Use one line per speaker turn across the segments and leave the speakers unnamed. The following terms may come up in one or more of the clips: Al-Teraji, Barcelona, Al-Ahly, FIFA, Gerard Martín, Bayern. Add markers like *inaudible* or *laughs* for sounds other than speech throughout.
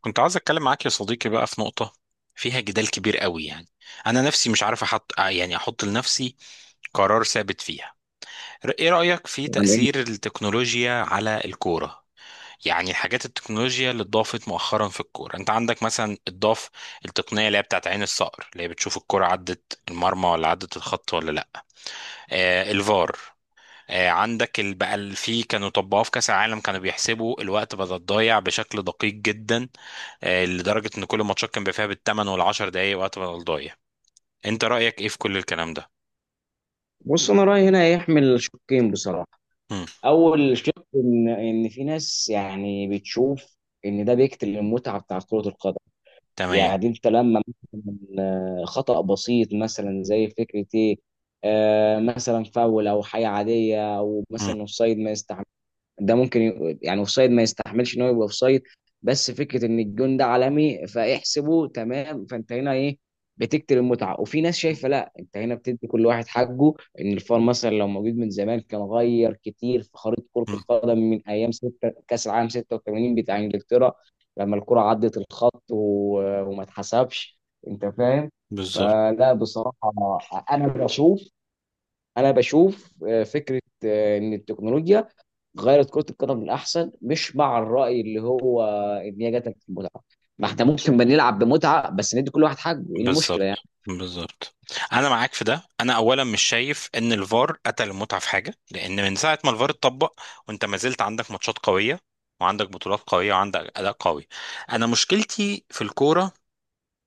كنت عاوز اتكلم معاك يا صديقي بقى في نقطة فيها جدال كبير قوي يعني. انا نفسي مش عارف احط احط لنفسي قرار ثابت فيها. ايه رأيك في
يعني
تأثير
إيه؟
التكنولوجيا على الكورة؟ يعني الحاجات التكنولوجيا اللي اتضافت مؤخرا في الكورة، انت عندك مثلا اتضاف التقنية اللي هي بتاعت عين الصقر، اللي هي بتشوف الكورة عدت المرمى ولا عدت الخط ولا لا. آه الفار. عندك في كانوا طبقوه في كاس العالم، كانوا بيحسبوا الوقت بدل الضايع بشكل دقيق جدا. لدرجة ان كل الماتشات كان بيبقى فيها بالثمان والعشر دقايق وقت بدل ضايع. انت رأيك ايه في كل الكلام ده؟
بص، انا رايي هنا يحمل شقين بصراحه.
مم.
اول شق ان في ناس يعني بتشوف ان ده بيقتل المتعه بتاعت كره القدم.
تمام.
يعني انت لما مثلا، خطا بسيط، مثلا زي فكره ايه، مثلا فاول او حاجه عاديه، او
مم.
مثلا اوفسايد ما. ده ممكن يعني اوفسايد ما يستحملش ان هو يبقى اوفسايد، بس فكره ان الجون ده عالمي فاحسبه تمام. فانت هنا ايه، بتقتل المتعه. وفي ناس شايفه لا، انت هنا بتدي كل واحد حقه. ان الفار مثلا لو موجود من زمان كان غير كتير في خريطه كره
مم.
القدم، من ايام ستة كاس العالم 86 بتاع انجلترا، لما الكره عدت الخط وما اتحسبش. انت فاهم.
بالظبط
فلا بصراحه، انا بشوف انا بشوف فكره، ان التكنولوجيا غيرت كرة القدم للأحسن. مش مع الرأي اللي هو إن هي جاتك في المتعة. ما احنا ممكن بنلعب بمتعة بس ندي كل واحد حقه، ايه المشكلة يعني.
بالظبط بالظبط. انا معاك في ده. انا اولا مش شايف ان الفار قتل المتعه في حاجه، لان من ساعه ما الفار اتطبق وانت ما زلت عندك ماتشات قويه وعندك بطولات قويه وعندك اداء قوي. انا مشكلتي في الكوره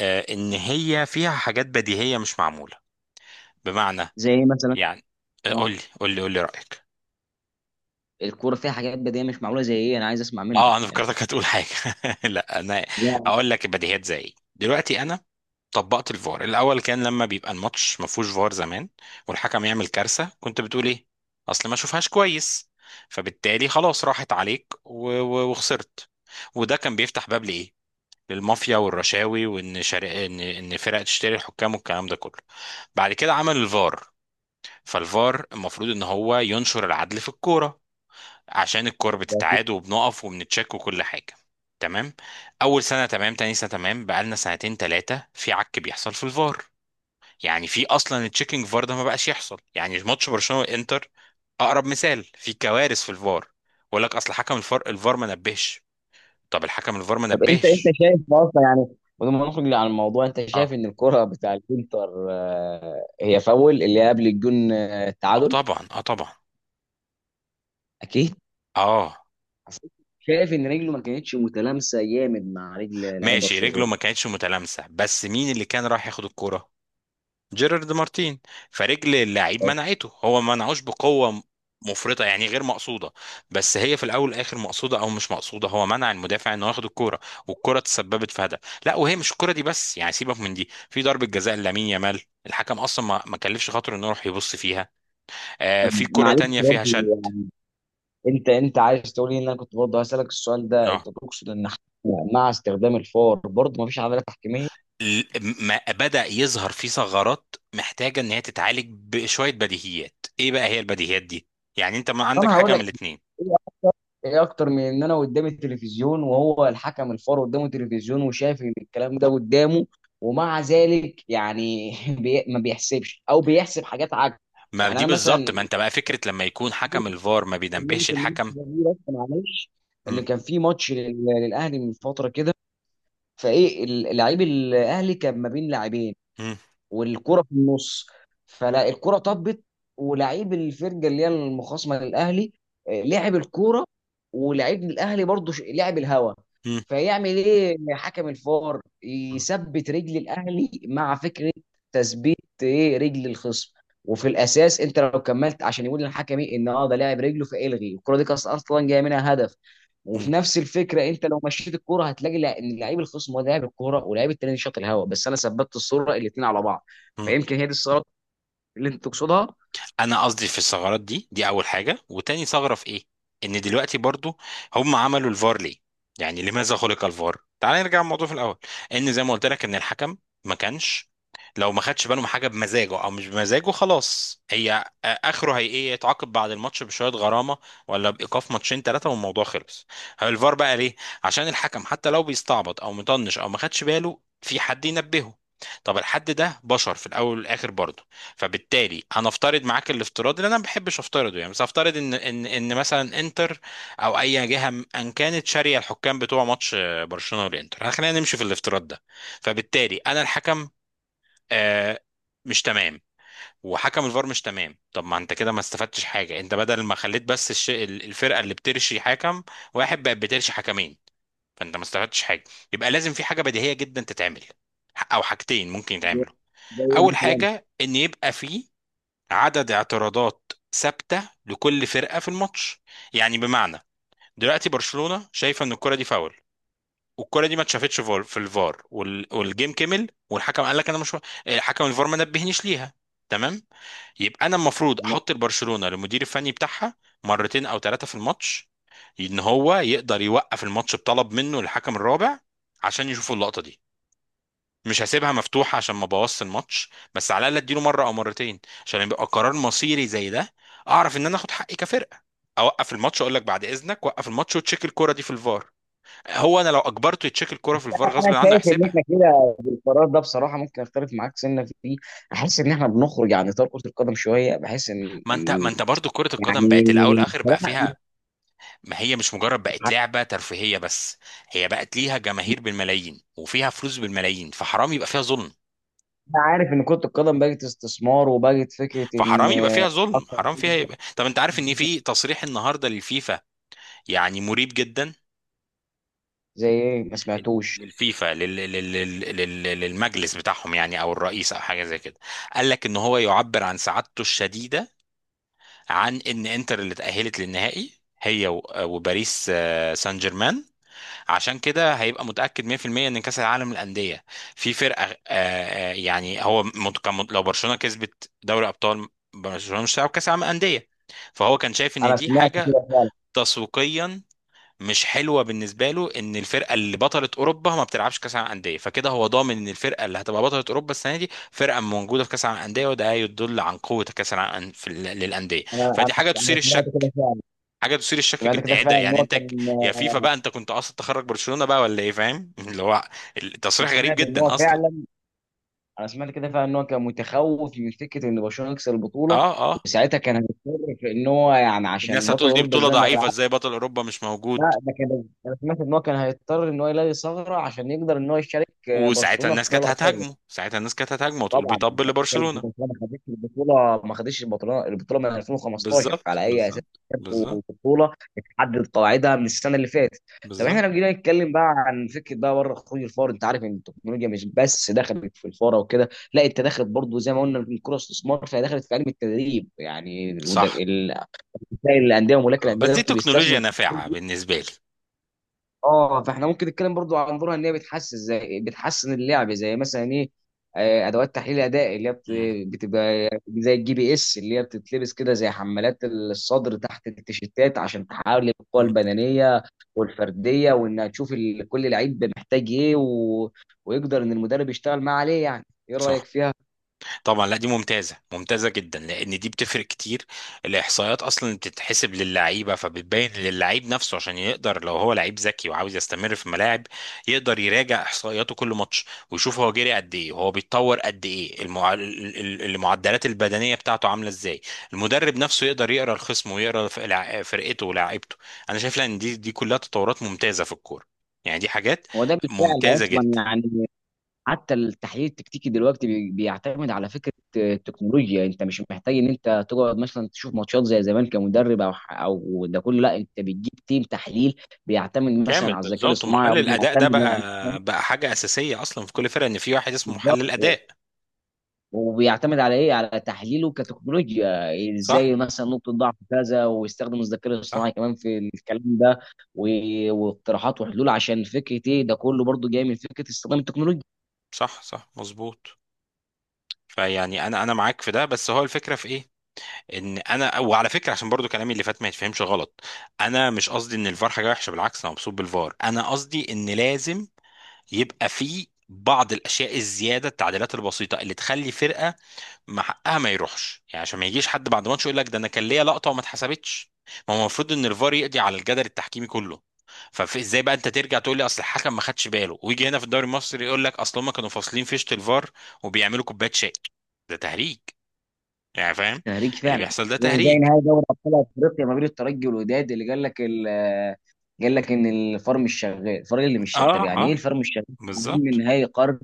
ان هي فيها حاجات بديهيه مش معموله. بمعنى
زي ايه مثلا؟
يعني،
اه.
قول لي قول لي رايك.
الكورة فيها حاجات بديهية مش معمولة زي ايه، انا عايز اسمع منك
اه انا
يعني.
فكرتك هتقول حاجه. *laughs* لا انا
لا،
اقول لك البديهيات زي ايه. دلوقتي انا طبقت الفار الاول كان لما بيبقى الماتش ما فيهوش فار زمان والحكم يعمل كارثه، كنت بتقول ايه؟ اصل ما شوفهاش كويس. فبالتالي خلاص راحت عليك و وخسرت وده كان بيفتح باب لايه؟ للمافيا والرشاوي، وان شر... ان ان فرق تشتري الحكام والكلام ده كله. بعد كده عمل الفار. فالفار المفروض ان هو ينشر العدل في الكوره، عشان الكور
ده أكيد.
بتتعاد وبنقف وبنتشك وكل حاجه. تمام. اول سنه تمام، تاني سنه تمام، بقالنا سنتين ثلاثه في عك بيحصل في الفار. يعني في اصلا التشيكينج فار ده ما بقاش يحصل. يعني ماتش برشلونه والانتر اقرب مثال في كوارث في الفار. بقول لك اصل حكم الفار، ما نبهش. طب الحكم الفار ما
طب انت
نبهش.
شايف اصلا، يعني بدون ما نخرج عن الموضوع، انت
اه
شايف ان الكرة بتاع الانتر، هي فاول، اللي هي قبل الجون،
اه
التعادل؟
طبعا اه طبعا
اكيد.
اه.
شايف ان رجله ما كانتش متلامسة جامد مع رجل لعيب
ماشي،
برشلونة.
رجله ما كانتش متلامسه، بس مين اللي كان راح ياخد الكوره؟ جيرارد مارتين. فرجل اللاعب منعته. هو ما منعوش بقوه مفرطه، يعني غير مقصوده، بس هي في الاول والاخر مقصوده او مش مقصوده، هو منع المدافع انه ياخد الكوره والكوره تسببت في هدف. لا وهي مش الكوره دي بس، يعني سيبك من دي، في ضربه جزاء لامين يامال الحكم اصلا ما كلفش خاطره انه يروح يبص فيها. آه
طب
في كوره
معلش
تانية فيها شد.
برضه، انت عايز تقول لي ان انا كنت برضه هسالك السؤال ده،
اه.
انت تقصد ان احنا مع استخدام الفار برضه مفيش عداله تحكيميه؟
ال- ما بدأ يظهر في ثغرات محتاجة ان هي تتعالج بشوية بديهيات. ايه بقى هي البديهيات دي؟ يعني انت ما
اصل
عندك
انا هقول
حاجة من
لك
الاتنين؟
ايه. ايه اكتر من ان انا قدامي التلفزيون وهو الحكم الفار قدامه التلفزيون وشايف ان الكلام ده قدامه، ومع ذلك يعني *laughs* ما بيحسبش او بيحسب حاجات عكس.
ما
يعني
دي
انا
بالظبط،
مثلا
ما انت بقى فكرة لما يكون حكم الفار ما بينبهش
كلمت الناس
الحكم.
دي، بس معلش،
مم.
ان كان في ماتش للاهلي من فتره كده، فايه اللعيب الاهلي كان ما بين لاعبين
مم.
والكرة في النص. فلا، الكرة طبت ولعيب الفرقة اللي هي المخاصمة للأهلي، لعب الكرة، ولعيب الأهلي برضه لعب الهوا.
مم.
فيعمل إيه حكم الفار؟ يثبت رجل الأهلي مع فكرة تثبيت إيه، رجل الخصم. وفي الأساس أنت لو كملت عشان يقول للحكم إيه، إن أه ده لاعب رجله فإلغي الكرة، دي كانت أصلا جاية منها هدف. وفي
مم.
نفس الفكره انت لو مشيت الكوره هتلاقي ان لعيب الخصم هو ده لاعب الكوره، ولاعيب التاني شاط الهوا، بس انا ثبتت الصوره الاثنين على بعض.
مم.
فيمكن هي دي الثغرات اللي انت تقصدها.
انا قصدي في الثغرات دي، دي اول حاجه. وتاني ثغره في ايه؟ ان دلوقتي برضو هم عملوا الفار ليه؟ يعني لماذا خلق الفار؟ تعال نرجع الموضوع في الاول. ان زي ما قلت لك ان الحكم ما كانش، لو ما خدش باله من حاجه بمزاجه او مش بمزاجه، خلاص هي اخره هي ايه؟ يتعاقب بعد الماتش بشويه غرامه، ولا بايقاف ماتشين ثلاثه والموضوع خلص. هو الفار بقى ليه؟ عشان الحكم حتى لو بيستعبط او مطنش او ما خدش باله في حد ينبهه. طب الحد ده بشر في الاول والاخر برضه. فبالتالي هنفترض معاك الافتراض اللي انا ما بحبش افترضه يعني، بس هفترض ان مثلا انتر او اي جهه م- ان كانت شاريه الحكام بتوع ماتش برشلونه والانتر. خلينا نمشي في الافتراض ده. فبالتالي انا الحكم آه، مش تمام، وحكم الفار مش تمام. طب ما انت كده ما استفدتش حاجه. انت بدل ما خليت بس الفرقه اللي بترشي حكم واحد بقت بترشي حكمين، فانت ما استفدتش حاجه. يبقى لازم في حاجه بديهيه جدا تتعمل، او حاجتين ممكن
زي
يتعملوا.
زي
اول
مثلا.
حاجه ان يبقى فيه عدد اعتراضات ثابته لكل فرقه في الماتش. يعني بمعنى، دلوقتي برشلونه شايفه ان الكره دي فاول، والكره دي ما اتشافتش في الفار والجيم كمل، والحكم قال لك انا مش، حكم الفار ما نبهنيش ليها. تمام. يبقى انا المفروض احط البرشلونه للمدير الفني بتاعها مرتين او ثلاثه في الماتش ان هو يقدر يوقف الماتش بطلب منه الحكم الرابع عشان يشوفوا اللقطه دي. مش هسيبها مفتوحة عشان ما بوظش الماتش، بس على الأقل اديله مرة أو مرتين عشان يبقى قرار مصيري زي ده. أعرف إن أنا آخد حقي كفرقة، أوقف الماتش، أقول لك بعد إذنك وقف الماتش وتشيك الكرة دي في الفار. هو أنا لو أجبرته يتشيك الكرة في الفار غصب
انا
عنه
شايف ان
يحسبها.
احنا كده، القرار ده بصراحه ممكن اختلف معاك سنه فيه. احس ان احنا بنخرج عن اطار كره القدم شويه، بحس ان
ما أنت ما
ان،
أنت برضه كرة القدم
يعني
بقت الأول آخر بقى
بصراحه،
فيها. ما هي مش مجرد بقت لعبة ترفيهية بس، هي بقت ليها جماهير بالملايين وفيها فلوس بالملايين فحرام يبقى فيها ظلم.
انا عارف ان كره القدم بقت استثمار وبقت فكره ان
فحرام يبقى فيها ظلم،
اكتر
حرام فيها
حاجة.
يبقى. طب أنت عارف إن في تصريح النهاردة للفيفا يعني مريب جدا؟
زي ايه، ما سمعتوش؟
للفيفا، للمجلس بتاعهم يعني او الرئيس او حاجه زي كده، قال لك ان هو يعبر عن سعادته الشديده عن ان انتر اللي تاهلت للنهائي هي وباريس سان جيرمان. عشان كده هيبقى متاكد 100% ان كاس العالم للانديه في فرقه، يعني هو لو برشلونه كسبت دوري ابطال، برشلونه مش هتلعب كاس العالم للانديه. فهو كان شايف ان
انا
دي
سمعت
حاجه
كده فعلا.
تسويقيا مش حلوه بالنسبه له ان الفرقه اللي بطلت اوروبا ما بتلعبش كاس العالم انديه، فكده هو ضامن ان الفرقه اللي هتبقى بطله اوروبا السنه دي فرقه موجوده في كاس العالم انديه، وده يدل عن قوه كاس العالم في للانديه.
انا
فدي حاجه تثير
أنا سمعت
الشك،
كده فعلا.
حاجه تثير الشك
سمعت
جدا.
كده
ايه ده
فعلا ان
يعني؟
هو
انت
كان.
يا فيفا بقى انت كنت قاصد تخرج برشلونه بقى ولا ايه فاهم؟ *laughs* اللي هو التصريح غريب
سمعت ان هو
جدا اصلا.
فعلا. انا سمعت كده فعلا ان هو كان متخوف من فكره ان برشلونه يكسب البطوله،
اه اه.
وساعتها كان هيضطر في ان هو، يعني عشان
الناس
بطل
هتقول دي
اوروبا
بطوله
ازاي ما
ضعيفه،
يلعبش.
ازاي بطل اوروبا مش موجود.
لا ده كان، انا سمعت ان هو كان هيضطر ان هو يلاقي ثغره عشان يقدر ان هو يشارك،
وساعتها
برشلونه في
الناس
دوري
كانت
الابطال.
هتهاجمه، ساعتها الناس كانت هتهاجمه وتقول
طبعا
بيطبل
بتكلم في
لبرشلونه.
برشلونه ما خدتش البطوله. ما خدتش البطوله، البطوله من 2015،
بالظبط
فعلى اي اساس؟
بالظبط بالظبط
في بطوله اتحدد قواعدها من السنه اللي فاتت. طب احنا
بالظبط.
لو جينا نتكلم بقى عن فكره بقى بره خروج الفار، انت عارف ان التكنولوجيا مش بس دخلت في الفاره وكده لا، انت دخلت برضو زي ما قلنا من الكره استثمار. فهي دخلت في علم التدريب، يعني
صح.
الانديه وملاك الانديه
بس دي
دلوقتي
تكنولوجيا
بيستثمروا.
نافعة بالنسبة لي.
اه. فاحنا ممكن نتكلم برضو عن دورها ان هي بتحسن، زي بتحسن اللعب، زي مثلا ايه، ادوات تحليل اداء اللي هي
مم.
بتبقى زي الجي بي اس اللي هي بتتلبس كده زي حمالات الصدر تحت التيشيرتات عشان تحاول القوه
مم.
البدنيه والفرديه، وانها تشوف كل لعيب محتاج ايه، و... ويقدر ان المدرب يشتغل معاه عليه. يعني ايه
صح.
رايك فيها؟
طبعا لا دي ممتازه، ممتازه جدا لان دي بتفرق كتير. الاحصائيات اصلا بتتحسب للعيبه، فبتبين للعيب نفسه عشان يقدر، لو هو لعيب ذكي وعاوز يستمر في الملاعب، يقدر يراجع احصائياته كل ماتش، ويشوف هو جري قد ايه وهو بيتطور قد ايه. المعدلات البدنيه بتاعته عامله ازاي. المدرب نفسه يقدر يقرا الخصم ويقرا فرقته ولاعيبته. انا شايف لأ ان دي كلها تطورات ممتازه في الكوره. يعني دي حاجات
هو ده بالفعل
ممتازه
اصلا
جدا.
يعني. حتى التحليل التكتيكي دلوقتي بيعتمد على فكره التكنولوجيا. انت مش محتاج ان انت تقعد مثلا تشوف ماتشات زي زمان كمدرب او او ده كله، لا، انت بتجيب تيم تحليل بيعتمد مثلا
كامل
على الذكاء
بالظبط.
الاصطناعي،
ومحلل الاداء ده
وبيعتمد
بقى
على،
بقى حاجه اساسيه اصلا في كل فرقه ان في واحد
*laughs*
اسمه
بالظبط.
محلل اداء.
وبيعتمد على ايه، على تحليله كتكنولوجيا
صح
ازاي، مثلا نقطه ضعف كذا، ويستخدم الذكاء الاصطناعي
صح.
كمان في الكلام ده، واقتراحات وحلول عشان فكره ايه. ده كله برضو جاي من فكره استخدام التكنولوجيا.
صح مظبوط. فيعني انا معاك في ده، بس هو الفكره في ايه؟ ان انا، وعلى فكره عشان برضو كلامي اللي فات ما يتفهمش غلط، انا مش قصدي ان الفار حاجه وحشه، بالعكس انا مبسوط بالفار، انا قصدي ان لازم يبقى في بعض الاشياء الزياده، التعديلات البسيطه اللي تخلي فرقه ما حقها ما يروحش، يعني عشان ما يجيش حد بعد ماتش يقول لك ده انا كان ليا لقطه وما اتحسبتش. ما هو المفروض ان الفار يقضي على الجدل التحكيمي كله. فازاي بقى انت ترجع تقول لي اصل الحكم ما خدش باله؟ ويجي هنا في الدوري المصري يقول لك اصل هم كانوا فاصلين فيشه الفار وبيعملوا كوبايه شاي. ده تهريج يعني، فاهم؟
تهريج
اللي
فعلا.
بيحصل ده
هو زي
تهريج.
نهائي دوري ابطال افريقيا ما بين الترجي والوداد، اللي قال لك قال لك ان الفار مش شغال، الفريق اللي مش شغال.
اه
طب يعني ايه
اه
الفار مش شغال في اهم
بالظبط.
نهائي قرن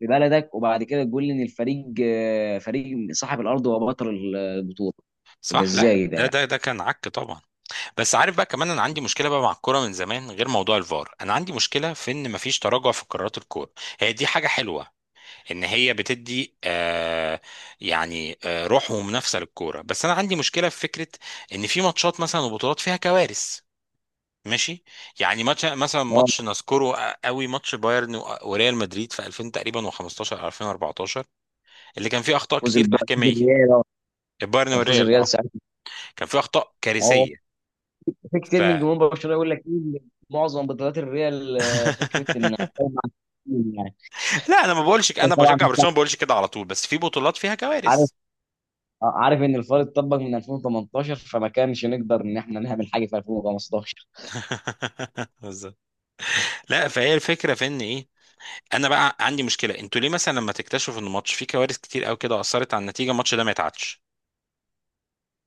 في بلدك، وبعد كده تقول لي ان الفريق، فريق صاحب الارض هو بطل البطوله؟ ده
صح. لا
ازاي ده
ده
يعني.
ده ده كان عك طبعا. بس عارف بقى، كمان انا عندي مشكله بقى مع الكوره من زمان غير موضوع الفار، انا عندي مشكله في ان مفيش تراجع في قرارات الكوره. هي دي حاجه حلوه ان هي بتدي آه، يعني آه روح ومنافسه للكوره، بس انا عندي مشكله في فكره ان في ماتشات مثلا وبطولات فيها كوارث. ماشي. يعني ماتش مثلا،
اه.
ماتش نذكره قوي، ماتش بايرن وريال مدريد في 2000 تقريبا و15 أو 2014، اللي كان فيه اخطاء كتير
فوز
تحكيميه.
الريال، آه.
البايرن
كان فوز
والريال اه.
الريال ساعتها.
كان فيه اخطاء
اه.
كارثيه.
في
ف.
كتير من جمهور برشلونه يقول لك ايه، معظم بطولات الريال، فكره ان،
*laughs*
يعني.
لا انا ما بقولش
هو
انا
طبعا
بشجع برشلونه ما بقولش كده على طول، بس في بطولات فيها كوارث.
عارف، عارف ان الفار اتطبق من 2018، فما كانش نقدر ان احنا نعمل حاجه في 2015.
*laughs* بالظبط. لا فهي الفكره في ان ايه، انا بقى عندي مشكله، انتوا ليه مثلا لما تكتشفوا ان ماتش فيه كوارث كتير قوي كده اثرت على النتيجه، الماتش ده ما يتعادش؟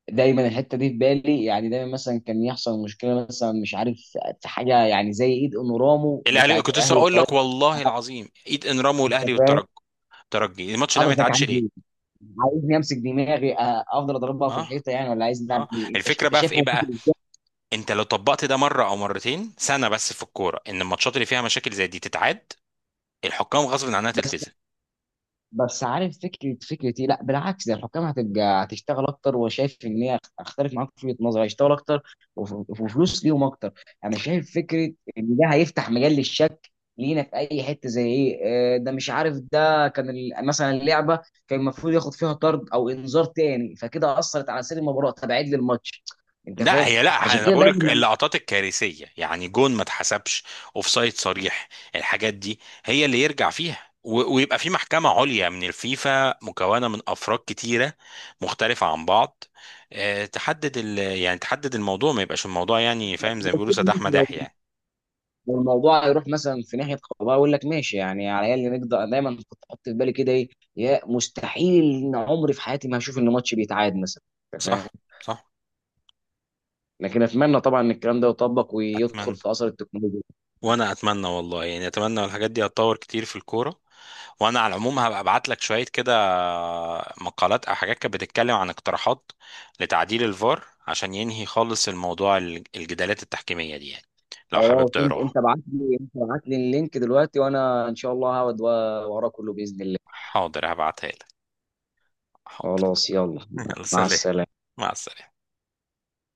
دايما الحته دي في بالي، يعني دايما مثلا كان يحصل مشكله، مثلا مش عارف، في حاجه يعني زي ايد انورامو
الاهلي
بتاعت
كنت لسه
الاهلي
اقول
والطريق.
لك والله العظيم، ايد انرامو والاهلي
انت فاهم.
والترجي، الترجي الماتش ده ما
حضرتك
يتعادش
عايز
ليه؟
ايه؟ عايزني امسك دماغي، افضل اضربها في
اه
الحيطه يعني؟ ولا عايز نعمل
اه.
ايه؟ انت،
الفكره
انت
بقى في ايه
شايفه ممكن
بقى؟ انت لو طبقت ده مره او مرتين سنه بس في الكوره، ان الماتشات اللي فيها مشاكل زي دي تتعاد، الحكام غصب عنها تلتزم.
ازاي؟ بس عارف فكره فكرتي؟ لا بالعكس، ده الحكام هتبقى هتشتغل اكتر، وشايف ان هي اختلف معاك في وجهه نظري، هيشتغل اكتر وفلوس ليهم اكتر. انا شايف فكره ان ده هيفتح مجال للشك لينا في اي حته. زي ايه؟ ده مش عارف، ده كان مثلا اللعبه كان المفروض ياخد فيها طرد او انذار تاني، فكده اثرت على سير المباراه، تبعد لي الماتش. انت
لا
فاهم؟
هي لا،
عشان
انا
كده
بقول لك
دايما
اللقطات الكارثيه، يعني جون ما اتحسبش، اوفسايد صريح، الحاجات دي هي اللي يرجع فيها. ويبقى في محكمه عليا من الفيفا مكونه من افراد كتيره مختلفه عن بعض، تحدد يعني تحدد الموضوع ما يبقاش الموضوع يعني فاهم زي ما بيقولوا سداح مداح يعني.
والموضوع هيروح مثلا في ناحيه قضاء يقول لك ماشي. يعني على الاقل نقدر. دايما كنت احط في بالي كده ايه، يا مستحيل ان عمري في حياتي ما هشوف ان ماتش بيتعاد مثلا. أنت فاهم.
صح صح.
لكن اتمنى طبعا ان الكلام ده يطبق ويدخل
اتمنى.
في اثر التكنولوجيا.
وانا اتمنى والله يعني، اتمنى الحاجات دي هتطور كتير في الكوره. وانا على العموم هبقى ابعت لك شويه كده مقالات او حاجات كانت بتتكلم عن اقتراحات لتعديل الفار، عشان ينهي خالص الموضوع الجدالات التحكيميه دي يعني، لو حابب
اه، انت
تقراها.
انت ابعت لي انت ابعت لي اللينك دلوقتي، وانا ان شاء الله هقعد وراه كله باذن الله.
حاضر هبعتها لك. حاضر. *laughs*
خلاص يلا.
يلا
مع
سلام.
السلامه.
مع السلامه.